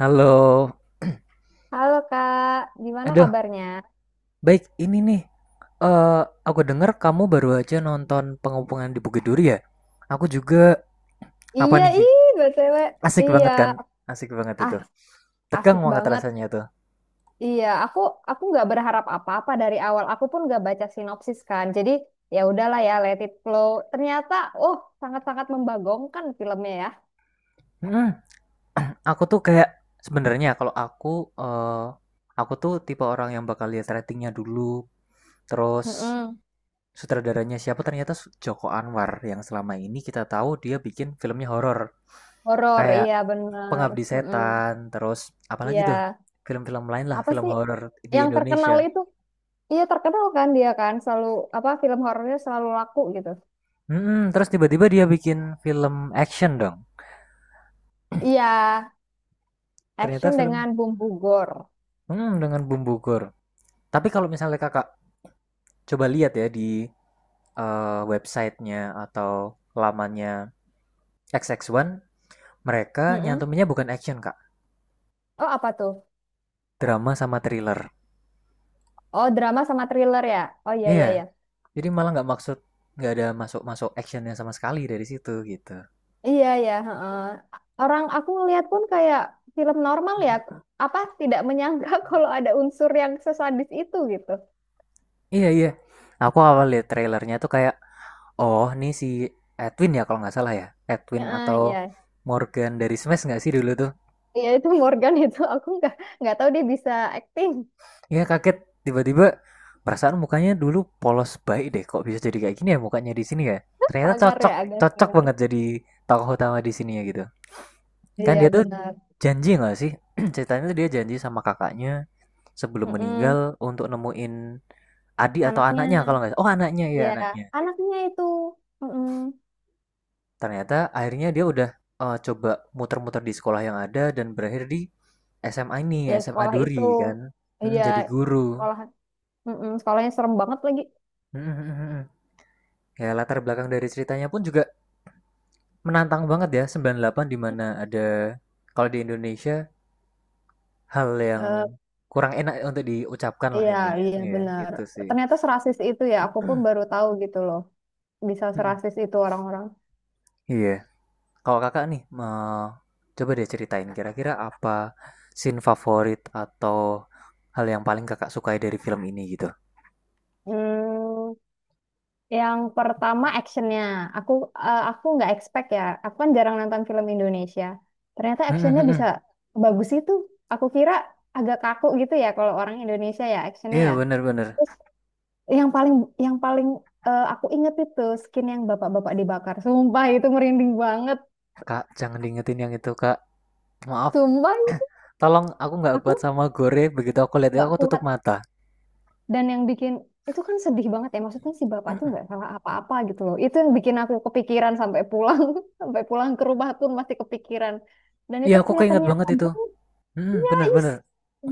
Halo. Halo Kak, gimana Aduh, kabarnya? baik ini nih. Eh, aku dengar kamu baru aja nonton pengepungan di Bukit Duri ya? Aku juga. Apa Iya, nih? ih, BTW. Asik Iya, banget kan? Asik banget itu. ah, Tegang asik banget banget. rasanya tuh. Iya, aku nggak berharap apa-apa dari awal. Aku pun nggak baca sinopsis kan. Jadi ya udahlah ya, let it flow. Ternyata, oh, sangat-sangat membagongkan filmnya ya. Mm. Aku tuh kayak sebenarnya kalau eh aku tuh tipe orang yang bakal lihat ratingnya dulu. Terus Mm-mm. sutradaranya siapa? Ternyata Joko Anwar yang selama ini kita tahu dia bikin filmnya horor. Horor, Kayak iya bener. Pengabdi Mm-mm. Setan, terus apalagi Iya, tuh? Film-film lain lah, apa film sih horor di yang terkenal Indonesia. itu? Iya terkenal kan, dia kan selalu apa film horornya selalu laku gitu. Terus tiba-tiba dia bikin film action dong. Iya, Ternyata action film dengan bumbu gore. Dengan bumbu gore. Tapi kalau misalnya kakak coba lihat ya di websitenya atau lamannya X X One, mereka nyantuminnya bukan action kak, Oh apa tuh? drama sama thriller. Oh drama sama thriller ya? Oh iya Iya, iya yeah, iya. jadi malah nggak ada masuk-masuk actionnya sama sekali dari situ gitu. Iya iya. Heeh. Orang aku ngeliat pun kayak film normal ya. Apa tidak menyangka kalau ada unsur yang sesadis itu gitu. Iya yeah, iya, yeah. Aku awal lihat trailernya tuh kayak, oh, ini si Edwin ya kalau nggak salah ya. Edwin Heeh, atau iya. Morgan dari Smash nggak sih dulu tuh? Iya itu Morgan itu, aku nggak tahu dia bisa acting. Iya kaget, tiba-tiba perasaan mukanya dulu polos baik deh. Kok bisa jadi kayak gini ya mukanya di sini ya? Ternyata Sangar ya cocok, agak cocok sangar. banget jadi tokoh utama di sini ya gitu. Kan dia Iya tuh benar. janji nggak sih? Ceritanya tuh dia janji sama kakaknya sebelum meninggal Mm-mm. untuk nemuin adik atau anaknya Anaknya. kalau nggak salah. Oh anaknya, ya, Iya anaknya. anaknya itu. Mm-mm. Ternyata akhirnya dia udah, coba muter-muter di sekolah yang ada dan berakhir di SMA ini, Ya SMA sekolah itu. Duri kan, mhm, Iya jadi guru. sekolah. Mm-mm. Sekolahnya serem banget lagi. Ya latar belakang dari ceritanya pun juga menantang banget ya, 98, di mana ada kalau di Indonesia hal yang Eh, kurang enak untuk diucapkan lah Iya, intinya, iya iya benar. itu sih. Ternyata serasis itu ya, aku pun baru tahu gitu loh. Bisa serasis itu orang-orang. Iya. Kalau Kakak nih, coba deh ceritain kira-kira apa scene favorit atau hal yang paling Kakak sukai dari film ini gitu? Hmm, yang pertama actionnya. Aku aku nggak expect ya. Aku kan jarang nonton film Indonesia. Ternyata Mm, actionnya mm, bisa mm. bagus itu. Aku kira agak kaku gitu ya, kalau orang Indonesia ya actionnya Iya ya. bener-bener. Terus yang paling yang paling aku inget itu skin yang bapak-bapak dibakar. Sumpah itu merinding banget. Kak, jangan diingetin yang itu Kak. Maaf, Sumpah tolong, aku nggak aku kuat sama gore. Begitu aku lihat itu, nggak aku tutup kuat. mata. Dan yang bikin itu kan sedih banget ya. Maksudnya si bapak tuh nggak salah apa-apa gitu loh. Itu yang bikin aku kepikiran sampai pulang, sampai pulang ke rumah pun masih kepikiran. Dan Iya, itu aku kelihatan keinget nyata banget itu. banget, Hmm, guys. bener-bener.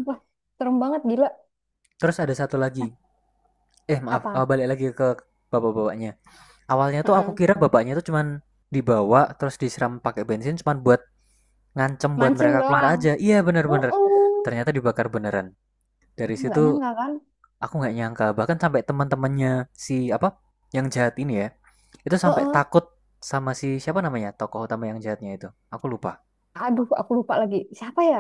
Wah, serem banget gila. Terus ada satu lagi. Maaf, Apa? balik lagi ke bapak-bapaknya. Awalnya tuh aku Heeh. kira bapaknya tuh cuman dibawa. Terus disiram pakai bensin cuman buat ngancem buat Mancing mereka keluar doang. aja. Iya bener-bener. Uh-uh. Ternyata dibakar beneran. Dari Nggak situ, nyangka kan? aku nggak nyangka bahkan sampai teman-temannya, si apa, yang jahat ini ya, itu sampai Uh-uh. takut sama si siapa namanya, tokoh utama yang jahatnya itu. Aku lupa. Aduh, aku lupa lagi. Siapa ya?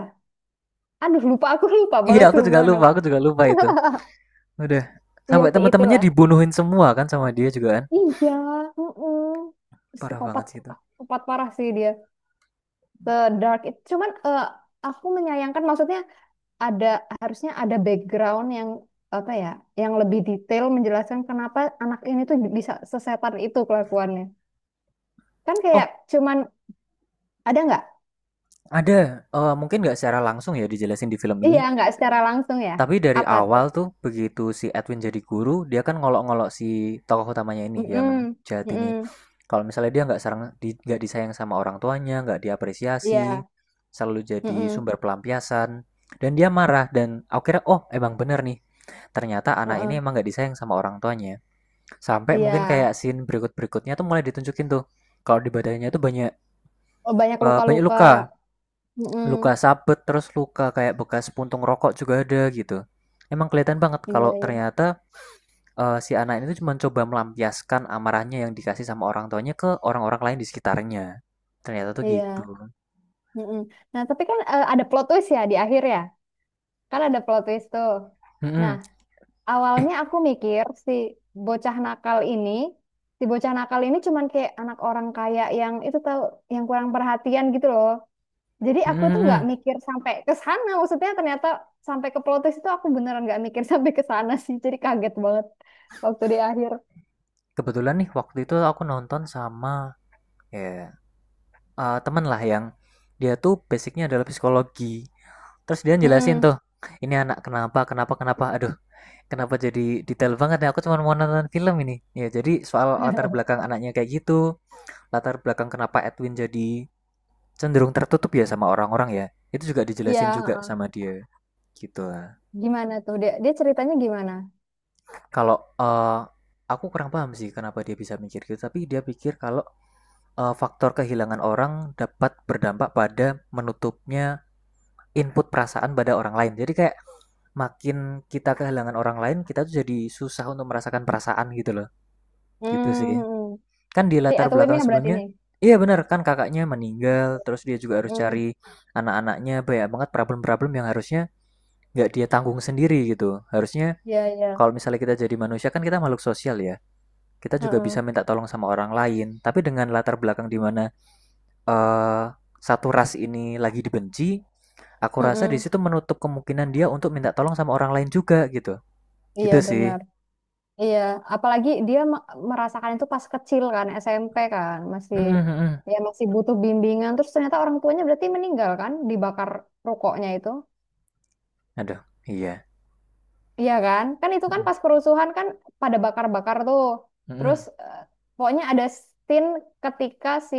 Aduh, lupa aku, lupa Iya banget aku juga sumpah lupa, nama. aku juga lupa itu. Udah Iya sampai sih teman-temannya itulah. dibunuhin semua kan sama dia juga kan. Iya, heeh. Parah Psikopat, banget sih itu. psikopat parah sih dia. Sedark itu cuman, aku menyayangkan maksudnya ada harusnya ada background yang apa ya, yang lebih detail menjelaskan kenapa anak ini tuh bisa sesetan itu kelakuannya, kan Oh kayak cuman ada nggak. ada, mungkin nggak secara langsung ya dijelasin di film ini. Iya nggak secara langsung ya. Tapi dari Apa awal tuh? tuh begitu si Edwin jadi guru, dia kan ngolok-ngolok si tokoh utamanya ini yang mm jahat ini. Kalau misalnya dia nggak sarang, di, nggak disayang sama orang tuanya, nggak diapresiasi, iya. selalu jadi Mm-mm. sumber pelampiasan, dan dia marah. Dan aku kira, oh emang bener nih, ternyata anak ini Heeh. emang nggak disayang sama orang tuanya. Sampai mungkin Iya. kayak scene berikut-berikutnya tuh mulai ditunjukin tuh, kalau di badannya tuh banyak Oh banyak eh, banyak luka-luka. luka. Mm-mm. Luka sabet, terus luka kayak bekas puntung rokok juga ada gitu. Emang kelihatan banget Iya kalau iya ternyata, si anak ini tuh cuma coba melampiaskan amarahnya yang dikasih sama orang tuanya ke orang-orang lain di sekitarnya. Ternyata tuh gitu. iya. Mm-mm. Nah tapi kan, ada plot twist ya di akhir ya. Kan ada plot twist tuh. Nah, Mm-mm. awalnya aku mikir bocah nakal ini, si bocah nakal ini cuman kayak anak orang kaya yang itu tahu, yang kurang perhatian gitu loh. Jadi aku tuh nggak Mm-mm. mikir sampai ke sana. Maksudnya ternyata sampai ke plot twist itu aku beneran nggak mikir sampai ke sana sih. Jadi kaget banget waktu di akhir. Kebetulan nih waktu itu aku nonton sama, ya, temen lah yang dia tuh basicnya adalah psikologi. Terus dia jelasin Mm-mm. tuh, ini anak kenapa, kenapa, kenapa. Aduh, kenapa jadi detail banget ya? Aku cuma mau nonton film ini. Ya, jadi soal latar belakang anaknya kayak gitu, latar belakang kenapa Edwin jadi cenderung tertutup ya sama orang-orang ya. Itu juga Iya, dijelasin juga heeh. sama dia. Gitu lah. Gimana tuh? Dia ceritanya gimana? Kalau aku kurang paham sih kenapa dia bisa mikir gitu, tapi dia pikir kalau faktor kehilangan orang dapat berdampak pada menutupnya input perasaan pada orang lain. Jadi kayak makin kita kehilangan orang lain, kita tuh jadi susah untuk merasakan perasaan gitu loh. Gitu sih. Hmm, Kan di Si latar belakang Edwin-nya berarti sebelumnya, nih. iya benar, kan kakaknya meninggal terus dia juga harus Hmm, cari anak-anaknya, banyak banget problem-problem yang harusnya nggak dia tanggung sendiri gitu, harusnya iya, iya. kalau misalnya kita jadi manusia kan kita makhluk sosial ya, kita juga bisa Heeh. minta tolong sama orang lain, tapi dengan latar belakang di mana eh, satu ras ini lagi dibenci, aku rasa di Heeh. situ menutup kemungkinan dia untuk minta tolong sama orang lain juga gitu. Iya, Gitu sih. benar. Iya, apalagi dia merasakan itu pas kecil kan, SMP kan, Mm, masih mm-mm. ya masih butuh bimbingan. Terus ternyata orang tuanya berarti meninggal kan, dibakar rokoknya itu. Aduh, iya. Iya kan? Kan itu kan Mm-mm, pas kerusuhan kan, pada bakar-bakar tuh. Terus mm-mm. Pokoknya ada scene ketika si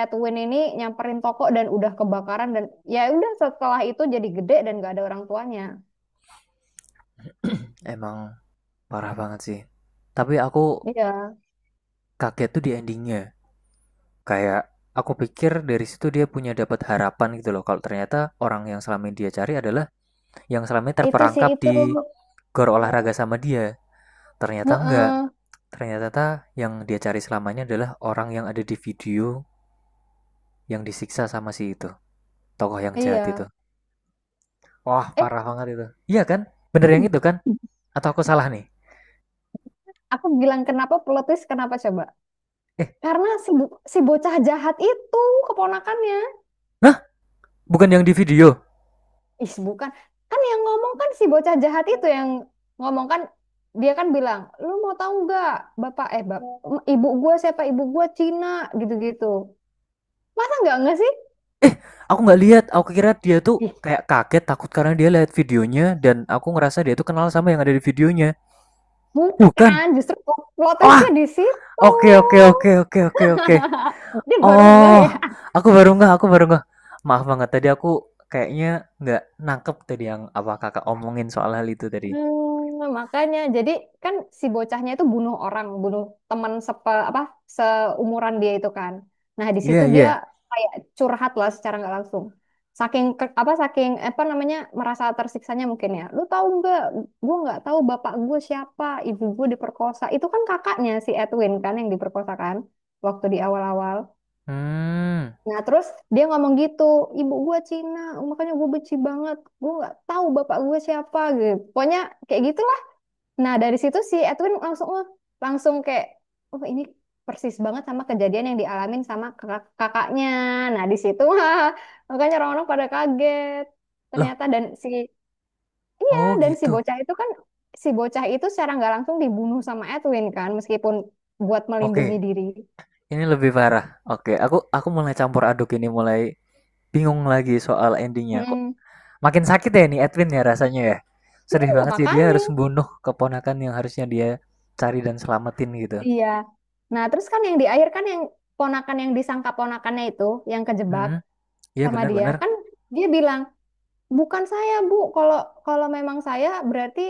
Edwin ini nyamperin toko dan udah kebakaran dan ya udah, setelah itu jadi gede dan gak ada orang tuanya. Emang parah banget sih. Tapi aku Iya, kaget tuh di endingnya. Kayak aku pikir dari situ dia dapat harapan gitu loh. Kalau ternyata orang yang selama ini dia cari adalah yang selama ini itu sih terperangkap itu. di gor olahraga sama dia. Ternyata enggak. Heeh, Ternyata yang dia cari selamanya adalah orang yang ada di video, yang disiksa sama si itu. Tokoh yang jahat itu. iya. Wah, parah banget itu. Iya kan? Bener yang Eh, itu kan? Atau aku salah nih? Aku bilang kenapa plot twist, kenapa coba? Eh, Karena si bocah jahat itu keponakannya. nah, bukan yang di video. Ih, bukan. Kan yang ngomong kan si bocah jahat itu, yang ngomong kan dia kan bilang, "Lu mau tahu nggak, Bapak eh bap, ibu gua siapa? Ibu gua Cina gitu-gitu." Masa nggak sih? Aku nggak lihat, aku kira dia tuh Ih, kayak kaget takut karena dia lihat videonya dan aku ngerasa dia tuh kenal sama yang ada di videonya. Bukan. bukan, justru plot Wah, twistnya di situ. oke, oke, oke, oke, oke, oke. Dia baru nggak Oh, ya. aku baru nggak, aku baru nggak. Maaf banget tadi aku kayaknya nggak nangkep tadi yang apa kakak omongin soal hal itu tadi. Makanya jadi kan si bocahnya itu bunuh orang, bunuh teman apa seumuran dia itu kan. Nah, di Iya, situ dia iya. kayak curhat lah secara nggak langsung. Saking apa saking apa namanya merasa tersiksanya mungkin ya. Lu tahu nggak? Gue nggak tahu bapak gue siapa, ibu gue diperkosa. Itu kan kakaknya si Edwin kan yang diperkosa kan waktu di awal-awal. Hmm, Nah, terus dia ngomong gitu, ibu gue Cina, makanya gue benci banget. Gue nggak tahu bapak gue siapa gitu. Pokoknya kayak gitu. Nah, dari situ si Edwin langsung, "Wah," langsung kayak oh ini persis banget sama kejadian yang dialamin sama kakaknya. Nah, di situ wah, makanya orang-orang pada kaget. loh, Ternyata dan si oh dan si gitu. bocah itu kan, si bocah itu secara nggak langsung dibunuh sama Edwin kan meskipun buat melindungi Oke, diri. ini lebih parah. Oke, aku mulai campur aduk, ini mulai bingung lagi soal endingnya. Kok Mm-mm. makin sakit ya nih Edwin ya rasanya ya. Sedih Iya, banget sih dia harus makanya. membunuh keponakan yang harusnya dia cari dan selamatin gitu. Iya. Nah, terus kan yang di akhir kan yang ponakan yang disangka ponakannya itu yang kejebak Mhm. Iya sama dia bener-bener. kan, dia bilang, Bukan saya, Bu. Kalau kalau memang saya berarti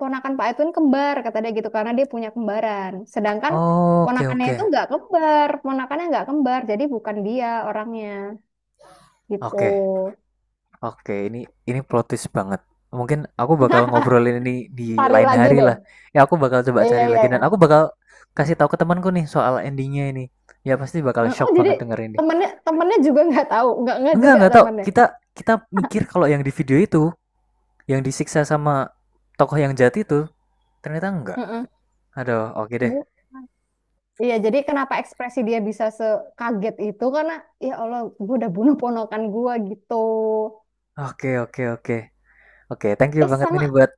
ponakan Pak Edwin kembar kata dia gitu, karena dia punya kembaran. Sedangkan Oke, ponakannya oke, itu nggak kembar, ponakannya nggak kembar, jadi bukan dia orangnya gitu. oke, oke, ini plot twist banget. Mungkin aku bakal ngobrolin ini di Cari lain lagi hari deh. lah. Ya aku bakal coba Iya cari iya lagi dan aku iya. bakal kasih tahu ke temanku nih soal endingnya ini. Ya pasti bakal Oh shock jadi banget denger ini. temennya temennya juga nggak tahu, nggak Enggak juga enggak tau. temennya. Kita kita mikir kalau yang di video itu yang disiksa sama tokoh yang jahat itu, ternyata enggak. Heeh. Aduh, oke deh. Bu. Iya, jadi kenapa ekspresi dia bisa sekaget itu karena ya Allah, gue udah bunuh ponakan gue gitu. Oke, oke, oke. Oke, thank you Eh banget ini sama, buat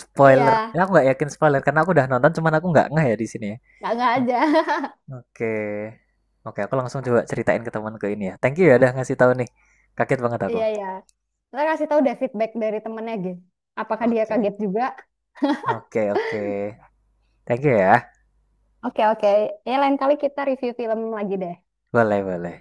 spoiler. Ya, iya aku nggak yakin spoiler karena aku udah nonton, cuman aku nggak ngeh ya di sini, ya. nggak aja Oke, oke. Aku langsung coba ceritain ke temanku ini ya. Thank you ya udah ngasih tahu nih. Kaget banget aku. iya iya, kita kasih tahu deh feedback dari temennya gitu apakah dia Oke, kaget juga. oke, oke. Thank you ya. Oke oke, ya lain kali kita review film lagi deh. Boleh, boleh.